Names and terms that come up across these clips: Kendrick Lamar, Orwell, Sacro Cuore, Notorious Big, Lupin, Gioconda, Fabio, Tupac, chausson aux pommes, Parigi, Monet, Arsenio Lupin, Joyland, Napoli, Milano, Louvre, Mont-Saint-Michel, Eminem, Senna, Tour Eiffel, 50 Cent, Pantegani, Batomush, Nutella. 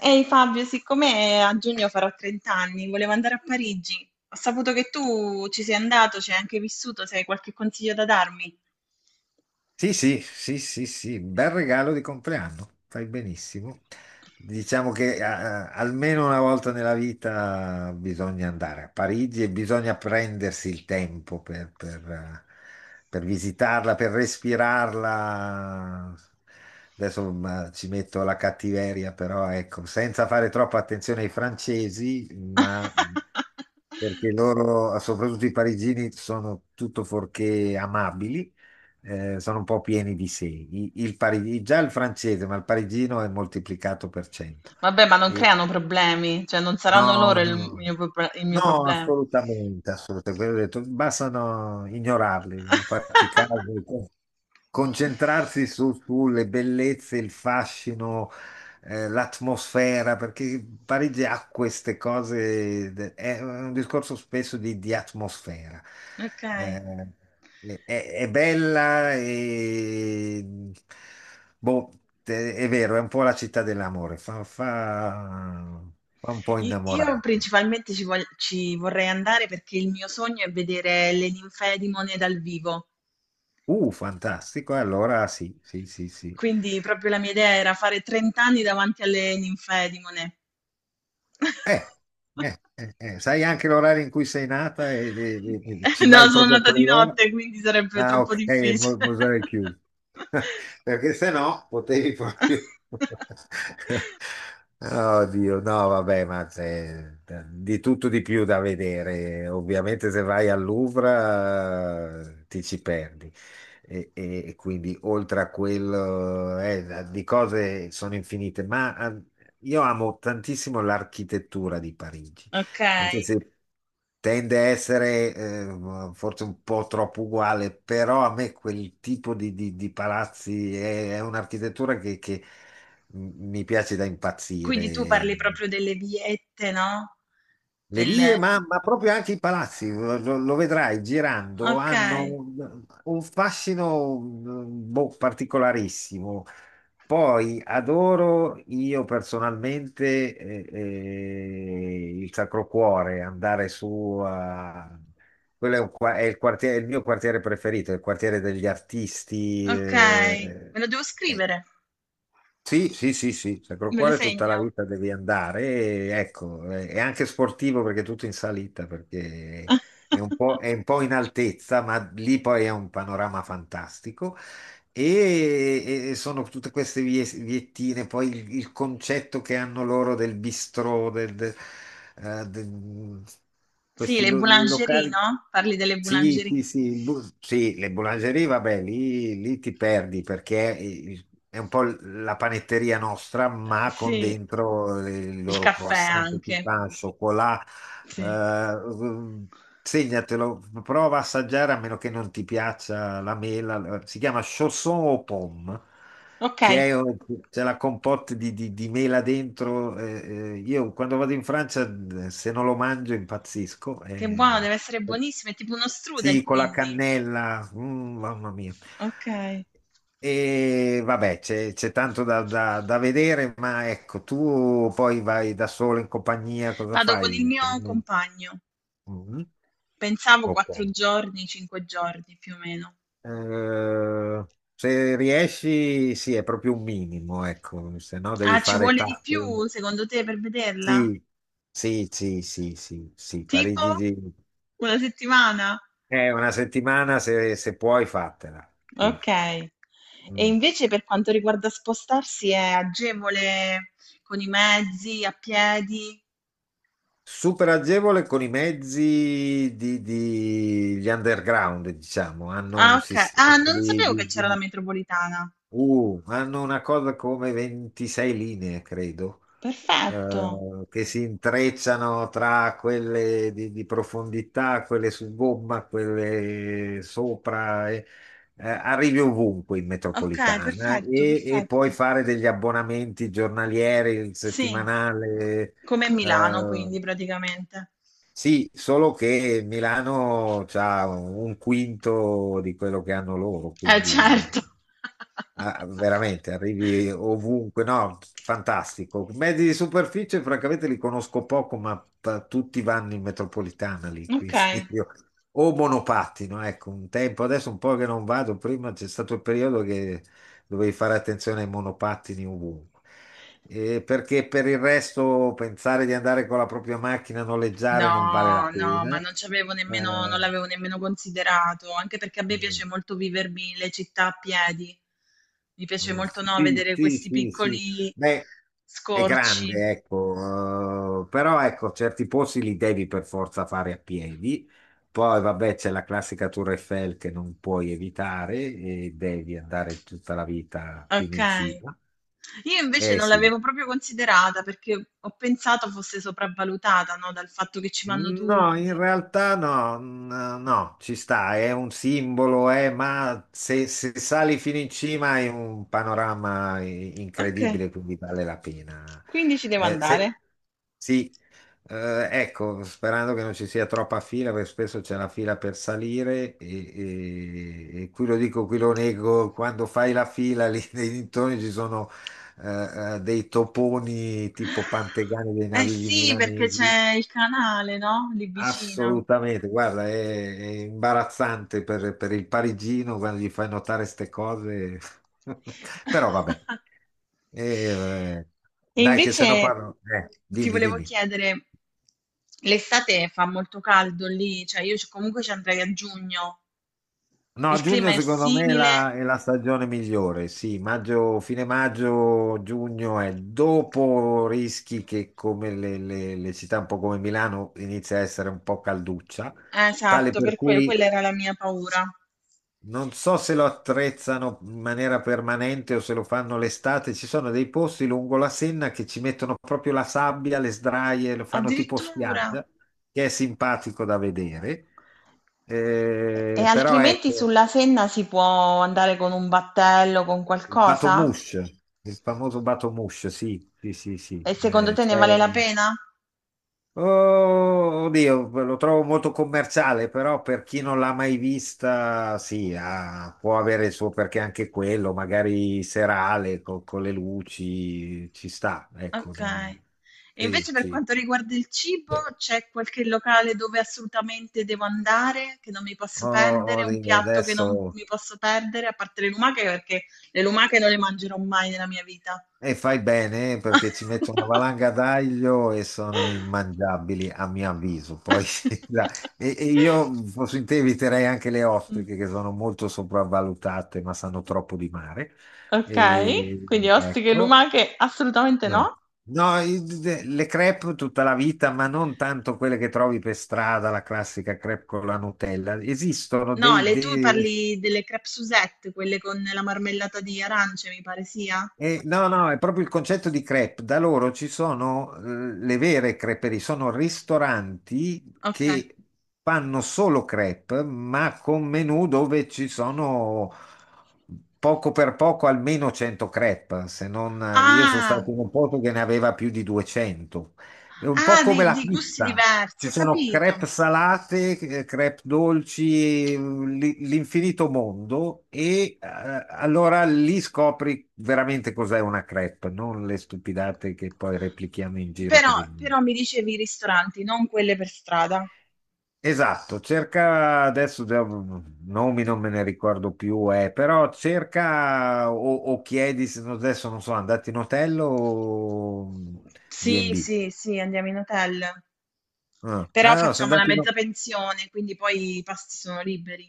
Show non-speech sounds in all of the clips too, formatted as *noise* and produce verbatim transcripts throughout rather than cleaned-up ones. Ehi Fabio, siccome a giugno farò trenta anni, volevo andare a Parigi. Ho saputo che tu ci sei andato, ci hai anche vissuto, se hai qualche consiglio da darmi. Sì, sì, sì, sì, sì, bel regalo di compleanno, fai benissimo. Diciamo che eh, eh, almeno una volta nella vita bisogna andare a Parigi e bisogna prendersi il tempo per, per, eh, per visitarla, per respirarla. Adesso ma, ci metto la cattiveria, però ecco, senza fare troppa attenzione ai francesi, ma perché *laughs* loro, soprattutto i parigini, sono tutto fuorché amabili, eh, sono un po' pieni di sé. I- Il, pari- già il francese, ma il parigino è moltiplicato per cento. Vabbè, ma non E- creano problemi, cioè non saranno no, loro il no, mio, pro- il mio no, problema. assolutamente, assolutamente. Quello ho detto, bastano ignorarli, non farci caso, *laughs* concentrarsi su- sulle bellezze, il fascino, eh, l'atmosfera, perché Parigi ha queste cose, de- è un discorso spesso di, di atmosfera. Ok. Eh, è, è bella e boh, te- è vero, è un po' la città dell'amore, fa, fa- fa un po' I- Io innamorarmi. principalmente ci, vog- ci vorrei andare perché il mio sogno è vedere le ninfee di Monet dal vivo. Uh, fantastico, allora sì, sì, sì, sì. Quindi proprio la mia idea era fare trenta anni davanti alle ninfee di Monet. Eh, *laughs* eh, eh, eh, Sai anche l'orario in cui sei nata e, e- e- e ci No, vai sono proprio a nata di quell'ora? notte, quindi sarebbe Ah, troppo ok, mo- difficile. Mosè è chiuso. *laughs* Perché se no potevi proprio... *laughs* *laughs* Oddio, no, vabbè, ma c'è di tutto di più da vedere. Ovviamente se vai al Louvre, eh, ti ci perdi e, e- e quindi oltre a quello, eh, di cose sono infinite, ma ah, io amo tantissimo l'architettura di Parigi, anche Okay, se tende a essere, eh, forse un po' troppo uguale, però a me quel tipo di, di- di palazzi è, è un'architettura che, che mi piace da quindi tu impazzire. parli proprio delle viette, no, Le del vie, ma, ma proprio anche i palazzi, lo, lo vedrai girando, hanno okay, un, un fascino mm, boh, particolarissimo. Poi adoro io personalmente eh, eh, il Sacro Cuore, andare su a... Quello è, un qua- è il quartiere- è il mio quartiere preferito, è il quartiere degli artisti. okay. Eh, Me lo devo eh, scrivere, sì, sì, sì, sì, Sacro me lo Cuore tutta segno. la vita devi andare, e, ecco, eh, è anche sportivo perché è tutto in salita, perché è un *laughs* po', è un po' in altezza, ma lì poi è un panorama fantastico e, e sono tutte queste vie- viettine, poi il, il concetto che hanno loro del bistrò, del, del- eh, del- Sì, questi le lo- boulangerie, locali. no, parli delle Sì, boulangerie. sì, sì, il bu- sì, le boulangerie, vabbè, lì, lì ti perdi perché è un po' l- la panetteria nostra, Ehm, ma con Sì. dentro il Il loro caffè croissant che ti anche, fa al cioccolato. sì. Eh, segnatelo, prova a assaggiare a meno che non ti piaccia la mela. Si chiama chausson aux pommes, Okay, che è, c'è la compote di, di- di mela dentro. Eh, eh, io quando vado in Francia, eh, se non lo mangio, impazzisco. che buono, Eh. deve essere buonissimo, è tipo uno strudel Sì, con la quindi. cannella, mm, mamma mia. Okay. E vabbè, c'è c'è tanto da, da- da vedere, ma ecco, tu poi vai da solo in compagnia, cosa Vado con il fai? mio compagno. Mm. Pensavo Ok. quattro giorni, cinque giorni più o meno. Eh, se riesci, sì, è proprio un minimo, ecco, se no Ah, devi ci fare vuole di tappe. più secondo te per vederla? Sì, sì, sì, sì, sì, sì, Parigi Tipo? di... Una settimana? Eh, una settimana se, se puoi fatela. Sì. Okay. E Mm. invece per quanto riguarda spostarsi è agevole con i mezzi, a piedi? Super agevole con i mezzi di, di- gli underground, diciamo, hanno Ah, un oka sistema ah, non di, sapevo che di- c'era la di- metropolitana. uh, hanno una cosa come ventisei linee, credo, Perfetto. eh, che si intrecciano tra quelle di, di profondità, quelle su gomma, quelle sopra. E- eh, arrivi ovunque in Okay, metropolitana perfetto, e, e puoi perfetto. fare degli abbonamenti giornalieri, il Sì. settimanale. Come a Milano quindi praticamente. Sì, solo che Milano ha un quinto di quello che hanno loro, Eh quindi certo. *laughs* ah, veramente arrivi ovunque. No, fantastico. Mezzi di superficie, francamente, li conosco poco, ma t- tutti vanno in metropolitana lì, quindi Okay. *laughs* io- o monopattino, ecco, un tempo, adesso un po' che non vado, prima c'è stato il periodo che dovevi fare attenzione ai monopattini ovunque. Eh, perché per il resto pensare di andare con la propria macchina a noleggiare non vale la No, no, ma pena. non ci avevo nemmeno non Eh, l'avevo nemmeno considerato, anche perché a me mm, piace molto vivermi le città a piedi. Mi piace mm, molto, no, sì, vedere sì, questi sì, sì. piccoli Beh, è scorci. grande, ecco, eh, però ecco, certi posti li devi per forza fare a piedi. Poi, vabbè, c'è la classica Tour Eiffel che non puoi evitare e devi andare tutta la vita fino in Okay. cima. Io invece Eh non sì. l'avevo proprio considerata perché ho pensato fosse sopravvalutata, no, dal fatto che ci vanno No, in tutti. realtà no, n- no, ci sta, è un simbolo, eh, ma se, se sali fino in cima hai un panorama i- Okay, incredibile, quindi vale la pena. quindi ci devo Eh, se- andare. sì, eh, ecco, sperando che non ci sia troppa fila, perché spesso c'è la fila per salire e, e- e qui lo dico, qui lo nego, quando fai la fila lì *laughs* nei dintorni ci sono eh, eh, dei toponi tipo Pantegani dei Eh navigli sì, perché milanesi. c'è il canale, no, lì vicino. Assolutamente, guarda, è, è imbarazzante per, per il parigino quando gli fai notare queste cose, *laughs* però vabbè. *laughs* E, eh, E Dai che se no invece parlo, eh, ti dimmi, volevo dimmi. chiedere, l'estate fa molto caldo lì? Cioè io c comunque ci andrei a giugno. No, Il clima giugno è secondo me è la, simile? è la stagione migliore, sì, maggio, fine maggio, giugno è dopo rischi che come le, le le città un po' come Milano inizia a essere un po' calduccia, Eh, tale Esatto, per per que- cui... quella era la mia paura. Non so se lo attrezzano in maniera permanente o se lo fanno l'estate, ci sono dei posti lungo la Senna che ci mettono proprio la sabbia, le sdraie, lo fanno tipo Addirittura. spiaggia, che è simpatico da vedere. E Eh, però altrimenti ecco, sulla Senna si può andare con un battello, con il qualcosa? Batomush, il famoso Batomush, sì, sì, sì, sì, E secondo eh, te ne vale la c'è- pena? oh, oddio, lo trovo molto commerciale, però per chi non l'ha mai vista, sì, ha- può avere il suo perché anche quello, magari serale co- con le luci, ci sta, ecco. Ok. non- E Sì, invece per sì. quanto riguarda il cibo, c'è qualche locale dove assolutamente devo andare, che non mi posso Oh, perdere, un oddio, piatto che non adesso. mi posso perdere, a parte le lumache, perché le lumache non le mangerò mai nella mia vita. E fai bene eh, perché ci metto una valanga d'aglio e sono *laughs* immangiabili a mio avviso. Poi, *laughs* la- e, e io fossi in te eviterei anche le Mh. ostriche che sono molto sopravvalutate ma sanno troppo di mare. Okay, E, quindi ostriche e ecco. lumache assolutamente No. no? No, i- de- le crepe tutta la vita, ma non tanto quelle che trovi per strada, la classica crepe con la Nutella. Esistono No, dei, le tu dei... parli delle crêpe Suzette, quelle con la marmellata di arance, mi pare sia? Eh, no, no, è proprio il concetto di crepe. Da loro ci sono, eh, le vere creperie, sono ristoranti Okay. che fanno solo crepe, ma con menù dove ci sono poco per poco almeno cento crepe, se non io sono Ah, stato in un posto che ne aveva più di duecento. È un ah po' come di la di gusti pizza. diversi, Ci ho sono capito. crepe salate, eh, crepe dolci, mm, li- l'infinito mondo e, eh, allora lì scopri veramente cos'è una crepe, non le stupidate che poi replichiamo in giro per Però il... però mi dicevi i ristoranti, non quelle per strada. Esatto, cerca adesso già, mm, nomi non me ne ricordo più, eh, però cerca o, o chiedi se no, adesso non so, andate in hotel o Sì, bi e bi. sì, sì, andiamo in hotel. Ah, Però ah, no, se facciamo la andate in... mezza pensione, quindi poi i pasti sono liberi.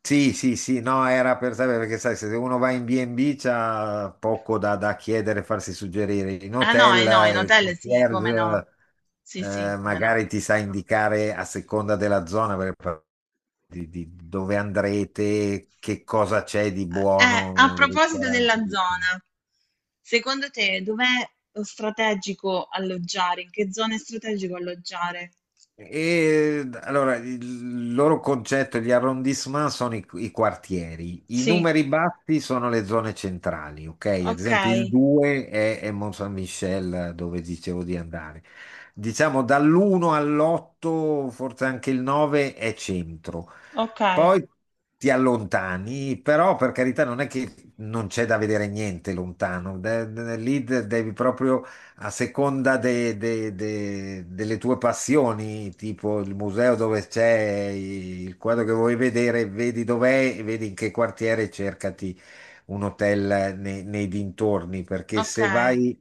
Sì, sì, sì, no, era per sapere perché sai, se uno va in bi e bi c'ha poco da, da chiedere, farsi suggerire. In Ah no, hotel, eh no, in eh, il hotel sì, come no. concierge, Sì, sì, eh, come no. magari ti sa indicare a seconda della zona per- di, di dove andrete, che cosa c'è di Eh, eh, a buono, proposito ristoranti. della zona, secondo te dov'è lo strategico alloggiare? In che zona è strategico alloggiare? E allora il loro concetto, gli arrondissement sono i, i quartieri, i Sì, numeri bassi sono le zone centrali, ok? Ad ok, esempio il due è, è Mont-Saint-Michel dove dicevo di andare. Diciamo dall'uno all'otto, forse anche il nove è centro. ok, Poi ti allontani, però per carità non è che non c'è da vedere niente lontano. De- de- lì de- devi proprio a seconda de- de- de- delle tue passioni, tipo il museo dove c'è il quadro che vuoi vedere, vedi dov'è, e vedi in che quartiere, cercati un hotel nei, nei dintorni, perché ok. se vai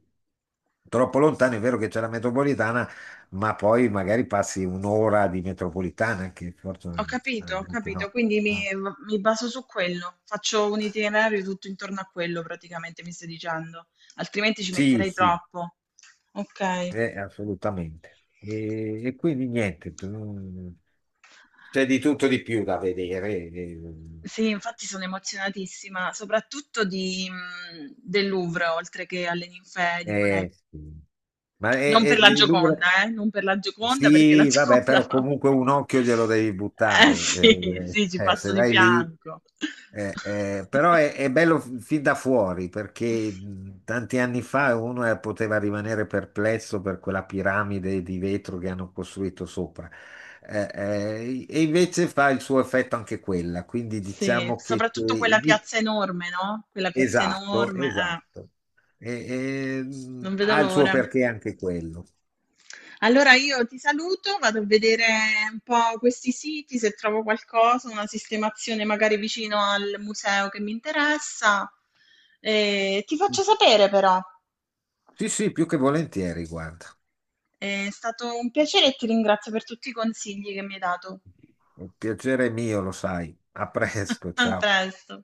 troppo lontano è vero che c'è la metropolitana, ma poi magari passi un'ora di metropolitana, che forse Ho capito, ho veramente capito. no. Quindi mi, mi baso su quello. Faccio un itinerario tutto intorno a quello, praticamente, mi stai dicendo. Altrimenti ci Sì, metterei sì, troppo. Ok. eh, assolutamente. E, e quindi niente. tu- C'è di tutto di più da vedere. Eh, Sì, infatti sono emozionatissima, soprattutto di, mhmm, del Louvre, oltre che alle ninfee eh, di Monet. eh, sì. ma è, Non per è- la Louvre- Gioconda, eh, non per la Gioconda, perché la Sì, vabbè, Gioconda però no. comunque un occhio glielo devi *laughs* Eh buttare. sì, Eh, sì, ci eh, se passo di vai lì. fianco. Eh, eh, però è, è *laughs* bello f- fin da fuori perché mh, tanti anni fa uno, eh, poteva rimanere perplesso per quella piramide di vetro che hanno costruito sopra. Eh, eh, e invece fa il suo effetto anche quella, quindi Sì, diciamo che, che soprattutto quella piazza enorme, no, quella piazza Esatto, enorme, eh, esatto. E- e, non mh, vedo ha il suo l'ora. perché anche quello. Allora io ti saluto, vado a vedere un po' questi siti, se trovo qualcosa, una sistemazione magari vicino al museo che mi interessa. Eh, ti faccio sapere però. Sì, sì, più che volentieri, guarda. È stato un piacere e ti ringrazio per tutti i consigli che mi hai dato. Un piacere mio, lo sai. A presto, *laughs* A ciao. presto.